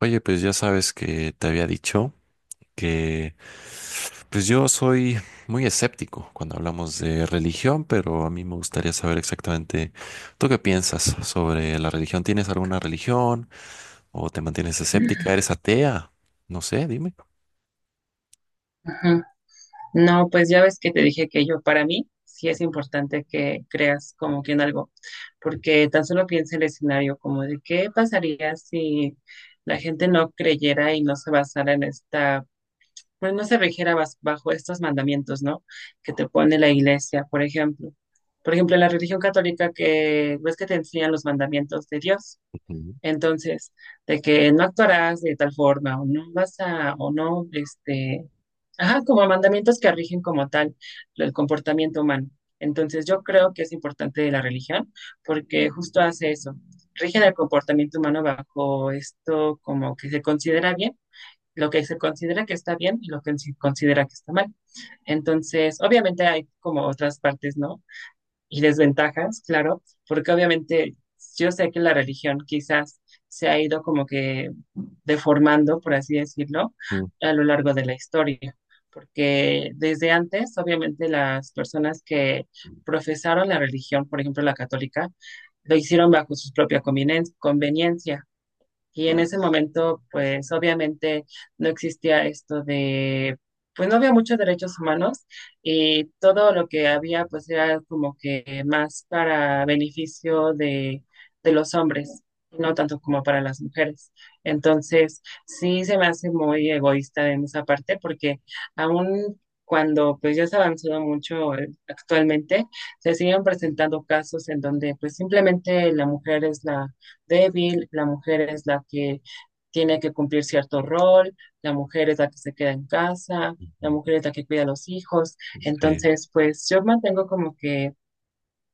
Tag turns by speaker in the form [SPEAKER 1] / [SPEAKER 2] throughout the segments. [SPEAKER 1] Oye, pues ya sabes que te había dicho que pues yo soy muy escéptico cuando hablamos de religión, pero a mí me gustaría saber exactamente tú qué piensas sobre la religión. ¿Tienes alguna religión o te mantienes escéptica? ¿Eres atea? No sé, dime.
[SPEAKER 2] Ujú. No, pues ya ves que te dije que yo, para mí, sí es importante que creas como que en algo, porque tan solo piensa el escenario como de qué pasaría si la gente no creyera y no se basara en esta, pues no se rigiera bajo estos mandamientos, ¿no? Que te pone la iglesia, por ejemplo. Por ejemplo, en la religión católica que ves que te enseñan los mandamientos de Dios.
[SPEAKER 1] Ujú,
[SPEAKER 2] Entonces, de que no actuarás de tal forma, o no vas a, o no, ajá, como mandamientos que rigen como tal el comportamiento humano. Entonces, yo creo que es importante de la religión porque justo hace eso, rigen el comportamiento humano bajo esto como que se considera bien, lo que se considera que está bien y lo que se considera que está mal. Entonces, obviamente hay como otras partes, ¿no? Y desventajas, claro, porque obviamente yo sé que la religión quizás se ha ido como que deformando, por así decirlo,
[SPEAKER 1] ujú,
[SPEAKER 2] a lo largo de la historia, porque desde antes, obviamente, las personas que profesaron la religión, por ejemplo, la católica, lo hicieron bajo su propia conveniencia. Y en ese momento, pues obviamente no existía esto de, pues no había muchos derechos humanos y todo lo que había, pues era como que más para beneficio de los hombres, no tanto como para las mujeres. Entonces, sí se me hace muy egoísta en esa parte porque aún cuando pues ya se ha avanzado mucho actualmente, se siguen presentando casos en donde pues simplemente la mujer es la débil, la mujer es la que tiene que cumplir cierto rol, la mujer es la que se queda en casa,
[SPEAKER 1] ujú.
[SPEAKER 2] la mujer es la que cuida a los hijos.
[SPEAKER 1] Sí,
[SPEAKER 2] Entonces, pues yo mantengo como que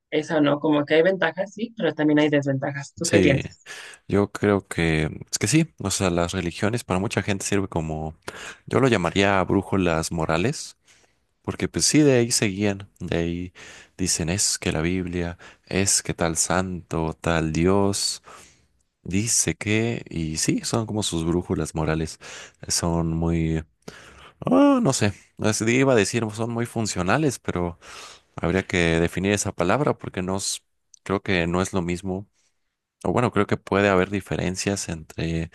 [SPEAKER 2] eso, ¿no? Como que hay ventajas, sí, pero también hay desventajas. ¿Tú qué
[SPEAKER 1] sí,
[SPEAKER 2] piensas?
[SPEAKER 1] yo creo que es que sí, o sea, las religiones para mucha gente sirve como, yo lo llamaría brújulas morales. Porque pues sí, de ahí seguían, de ahí dicen es que la Biblia, es que tal santo, tal Dios, dice que, y sí, son como sus brújulas morales, son muy, no sé, iba a decir, son muy funcionales, pero habría que definir esa palabra porque no, creo que no es lo mismo, o bueno, creo que puede haber diferencias entre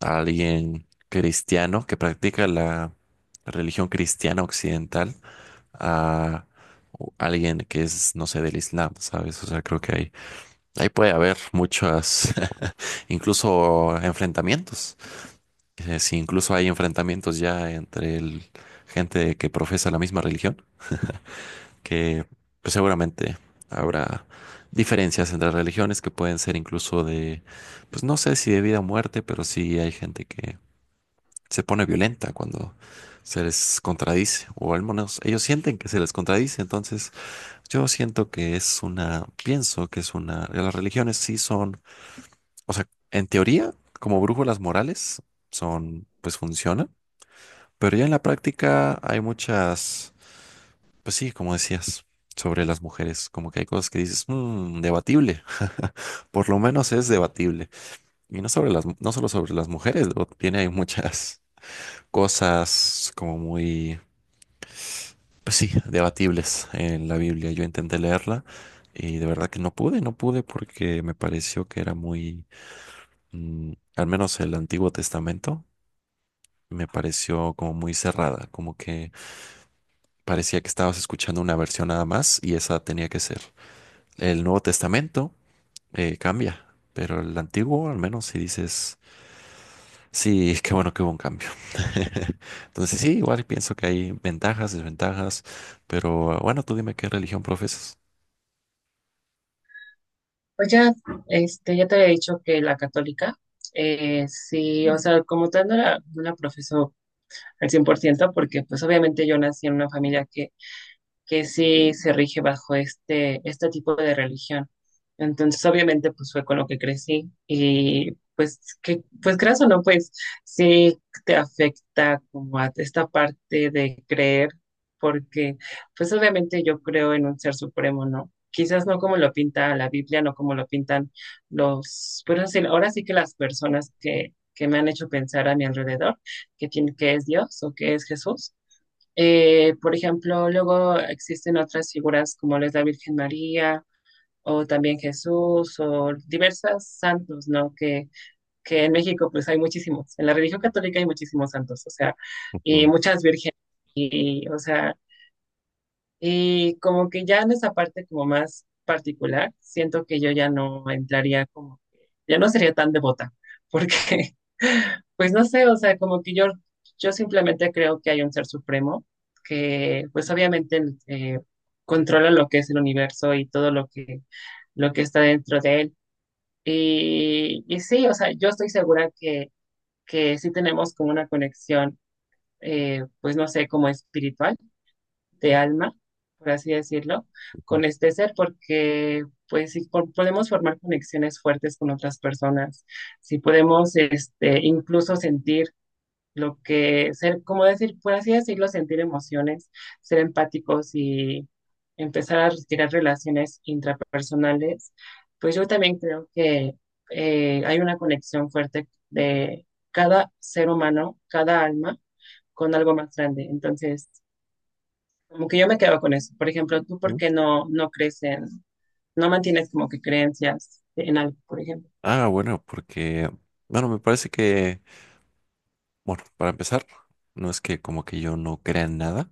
[SPEAKER 1] alguien cristiano que practica la religión cristiana occidental a alguien que es, no sé, del Islam, ¿sabes? O sea, creo que ahí, ahí puede haber muchas, incluso enfrentamientos. Si incluso hay enfrentamientos ya entre gente que profesa la misma religión, que pues, seguramente habrá diferencias entre religiones que pueden ser incluso de, pues no sé si de vida o muerte, pero sí hay gente que se pone violenta cuando se les contradice, o al menos ellos sienten que se les contradice, entonces yo siento que es una, pienso que es una, las religiones sí son, o sea, en teoría, como brújulas morales, son, pues funcionan, pero ya en la práctica hay muchas, pues sí, como decías, sobre las mujeres, como que hay cosas que dices, "Mm, debatible, por lo menos es debatible." Y no sobre las, no solo sobre las mujeres, luego tiene hay muchas cosas como muy. Pues sí, debatibles en la Biblia. Yo intenté leerla y de verdad que no pude, no pude porque me pareció que era muy, al menos el Antiguo Testamento, me pareció como muy cerrada, como que parecía que estabas escuchando una versión nada más y esa tenía que ser. El Nuevo Testamento cambia, pero el Antiguo al menos si dices, sí, qué bueno que hubo un cambio. Entonces sí, igual pienso que hay ventajas, desventajas, pero bueno, tú dime qué religión profesas.
[SPEAKER 2] Pues ya, ya te había dicho que la católica, sí, o sea, como tal no la, no la profeso al 100% porque pues obviamente yo nací en una familia que sí se rige bajo este, este tipo de religión. Entonces, obviamente, pues fue con lo que crecí y pues, que, pues creas o no, pues sí te afecta como a esta parte de creer, porque pues obviamente yo creo en un ser supremo, ¿no? Quizás no como lo pinta la Biblia, no como lo pintan los, pero sí, ahora sí que las personas que me han hecho pensar a mi alrededor, que tiene, que es Dios o que es Jesús por ejemplo, luego existen otras figuras como lo es la Virgen María o también Jesús o diversas santos, ¿no? Que en México pues hay muchísimos, en la religión católica hay muchísimos santos, o sea, y muchas vírgenes, y, o sea, y como que ya en esa parte como más particular, siento que yo ya no entraría como, ya no sería tan devota, porque, pues no sé, o sea, como que yo simplemente creo que hay un ser supremo que, pues obviamente, eh, controla lo que es el universo y todo lo que está dentro de él. Y sí, o sea, yo estoy segura que sí tenemos como una conexión, pues no sé, como espiritual de alma, por así decirlo,
[SPEAKER 1] Ujú.
[SPEAKER 2] con este ser, porque pues si podemos formar conexiones fuertes con otras personas, si podemos este, incluso sentir lo que, ser, como decir, por así decirlo, sentir emociones, ser empáticos y empezar a retirar relaciones intrapersonales, pues yo también creo que hay una conexión fuerte de cada ser humano, cada alma, con algo más grande. Entonces, como que yo me quedo con eso. Por ejemplo, ¿tú por
[SPEAKER 1] ¿No?
[SPEAKER 2] qué no, no crees en, no mantienes como que creencias en algo, por ejemplo?
[SPEAKER 1] Ah, bueno, porque, bueno, me parece que, bueno, para empezar, no es que como que yo no crea en nada,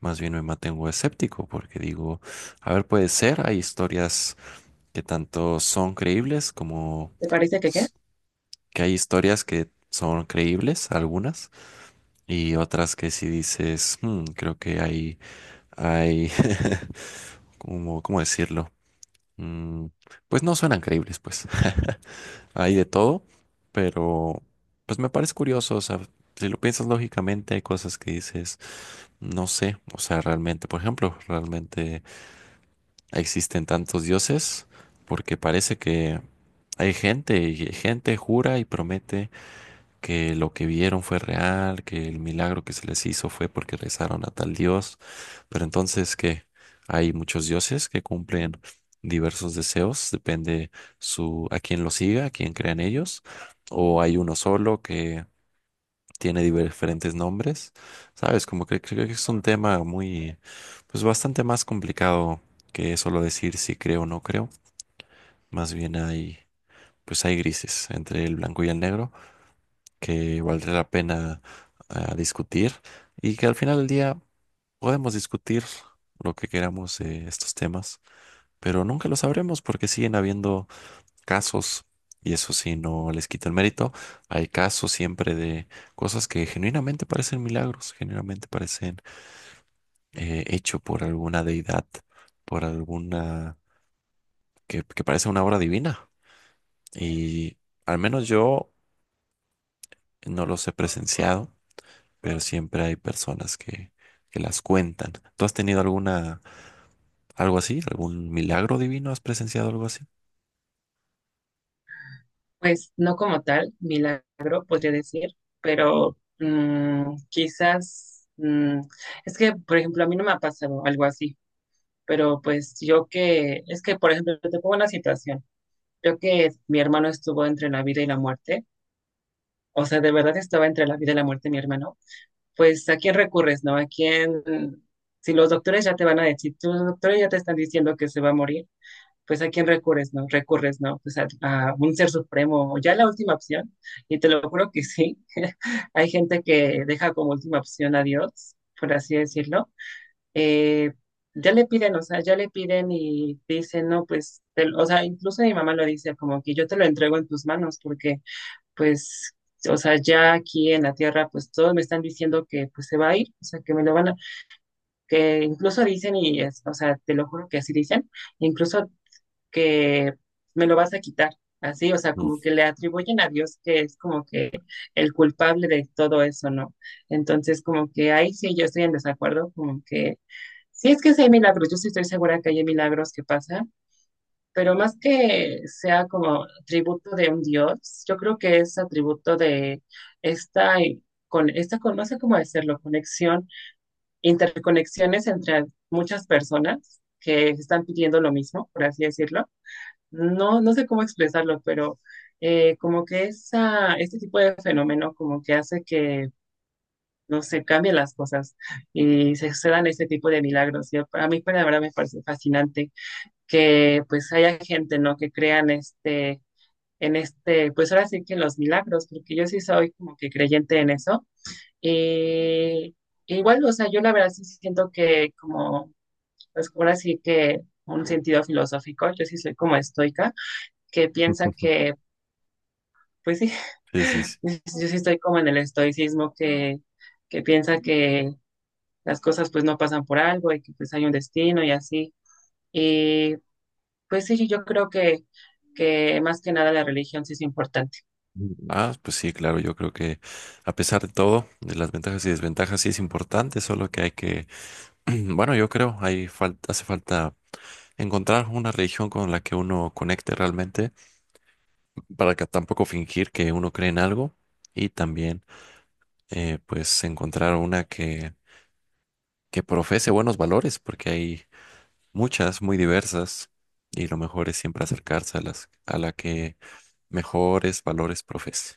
[SPEAKER 1] más bien me mantengo escéptico, porque digo, a ver, puede ser, hay historias que tanto son creíbles como
[SPEAKER 2] ¿Te parece que qué?
[SPEAKER 1] s- que hay historias que son creíbles, algunas, y otras que si dices, "Hmm, creo que hay, como, ¿cómo decirlo? Mm, pues no suenan creíbles, pues." Hay de todo, pero pues me parece curioso, o sea, si lo piensas lógicamente, hay cosas que dices, no sé, o sea, realmente, por ejemplo, realmente existen tantos dioses, porque parece que hay gente y gente jura y promete que lo que vieron fue real, que el milagro que se les hizo fue porque rezaron a tal dios, pero entonces que hay muchos dioses que cumplen diversos deseos, depende su a quién lo siga, a quién crean ellos, o hay uno solo que tiene diferentes nombres, ¿sabes? Como que creo que es un tema muy, pues bastante más complicado que solo decir si creo o no creo, más bien hay, pues hay grises entre el blanco y el negro que valdría la pena discutir y que al final del día podemos discutir lo que queramos de estos temas, pero nunca lo sabremos porque siguen habiendo casos y eso sí no les quita el mérito. Hay casos siempre de cosas que genuinamente parecen milagros, genuinamente parecen hecho por alguna deidad, por alguna que parece una obra divina y al menos yo no los he presenciado pero siempre hay personas que las cuentan. ¿Tú has tenido alguna, algo así? ¿Algún milagro divino? ¿Has presenciado algo así?
[SPEAKER 2] Pues no como tal, milagro, podría decir, pero mm, quizás, mm, es que, por ejemplo, a mí no me ha pasado algo así, pero pues yo que, es que, por ejemplo, te pongo una situación. Yo que mi hermano estuvo entre la vida y la muerte, o sea, de verdad estaba entre la vida y la muerte mi hermano pues ¿a quién recurres, no? ¿A quién? Si los doctores ya te van a decir, si los doctores ya te están diciendo que se va a morir, pues ¿a quién recurres, no? Recurres, ¿no? Pues a un ser supremo, o ya la última opción, y te lo juro que sí, hay gente que deja como última opción a Dios, por así decirlo. Eh, ya le piden, o sea, ya le piden y dicen, no, pues, te, lo- o sea, incluso mi mamá lo dice, como que yo te lo entrego en tus manos, porque pues, o sea, ya aquí en la tierra, pues todos me están diciendo que pues se va a ir, o sea, que me lo van a, que incluso dicen y, es- o sea, te lo juro que así dicen, incluso que me lo vas a quitar, así, o sea,
[SPEAKER 1] Mm.
[SPEAKER 2] como que le atribuyen a Dios que es como que el culpable de todo eso, ¿no? Entonces, como que ahí sí yo estoy en desacuerdo, como que, si es que sí hay milagros, yo sí estoy segura que hay milagros que pasan, pero más que sea como tributo de un dios, yo creo que es atributo de esta, y- con, esta con, no sé cómo decirlo, conexión, interconexiones entre muchas personas que están pidiendo lo mismo, por así decirlo. No, no sé cómo expresarlo, pero como que esa, este tipo de fenómeno como que hace que, no sé, cambien las cosas y se dan este tipo de milagros. Y a mí, para la verdad, me parece fascinante que pues haya gente, ¿no? Que crean este, en este, pues ahora sí que en los milagros, porque yo sí soy como que creyente en eso. Y igual, o sea, yo la verdad sí siento que como, pues ahora sí que un sentido filosófico, yo sí soy como estoica, que piensa que, pues sí,
[SPEAKER 1] Sí, sí, sí.
[SPEAKER 2] yo sí estoy como en el estoicismo que piensa que las cosas pues no pasan por algo y que pues hay un destino y así. Y pues sí, yo creo que más que nada la religión sí es importante.
[SPEAKER 1] Ah, pues sí, claro, yo creo que a pesar de todo, de las ventajas y desventajas, sí es importante, solo que hay que, bueno, yo creo, hay falta, hace falta encontrar una religión con la que uno conecte realmente, para que tampoco fingir que uno cree en algo y también, pues, encontrar una que profese buenos valores, porque hay muchas muy diversas y lo mejor es siempre acercarse a las, a la que mejores valores profese.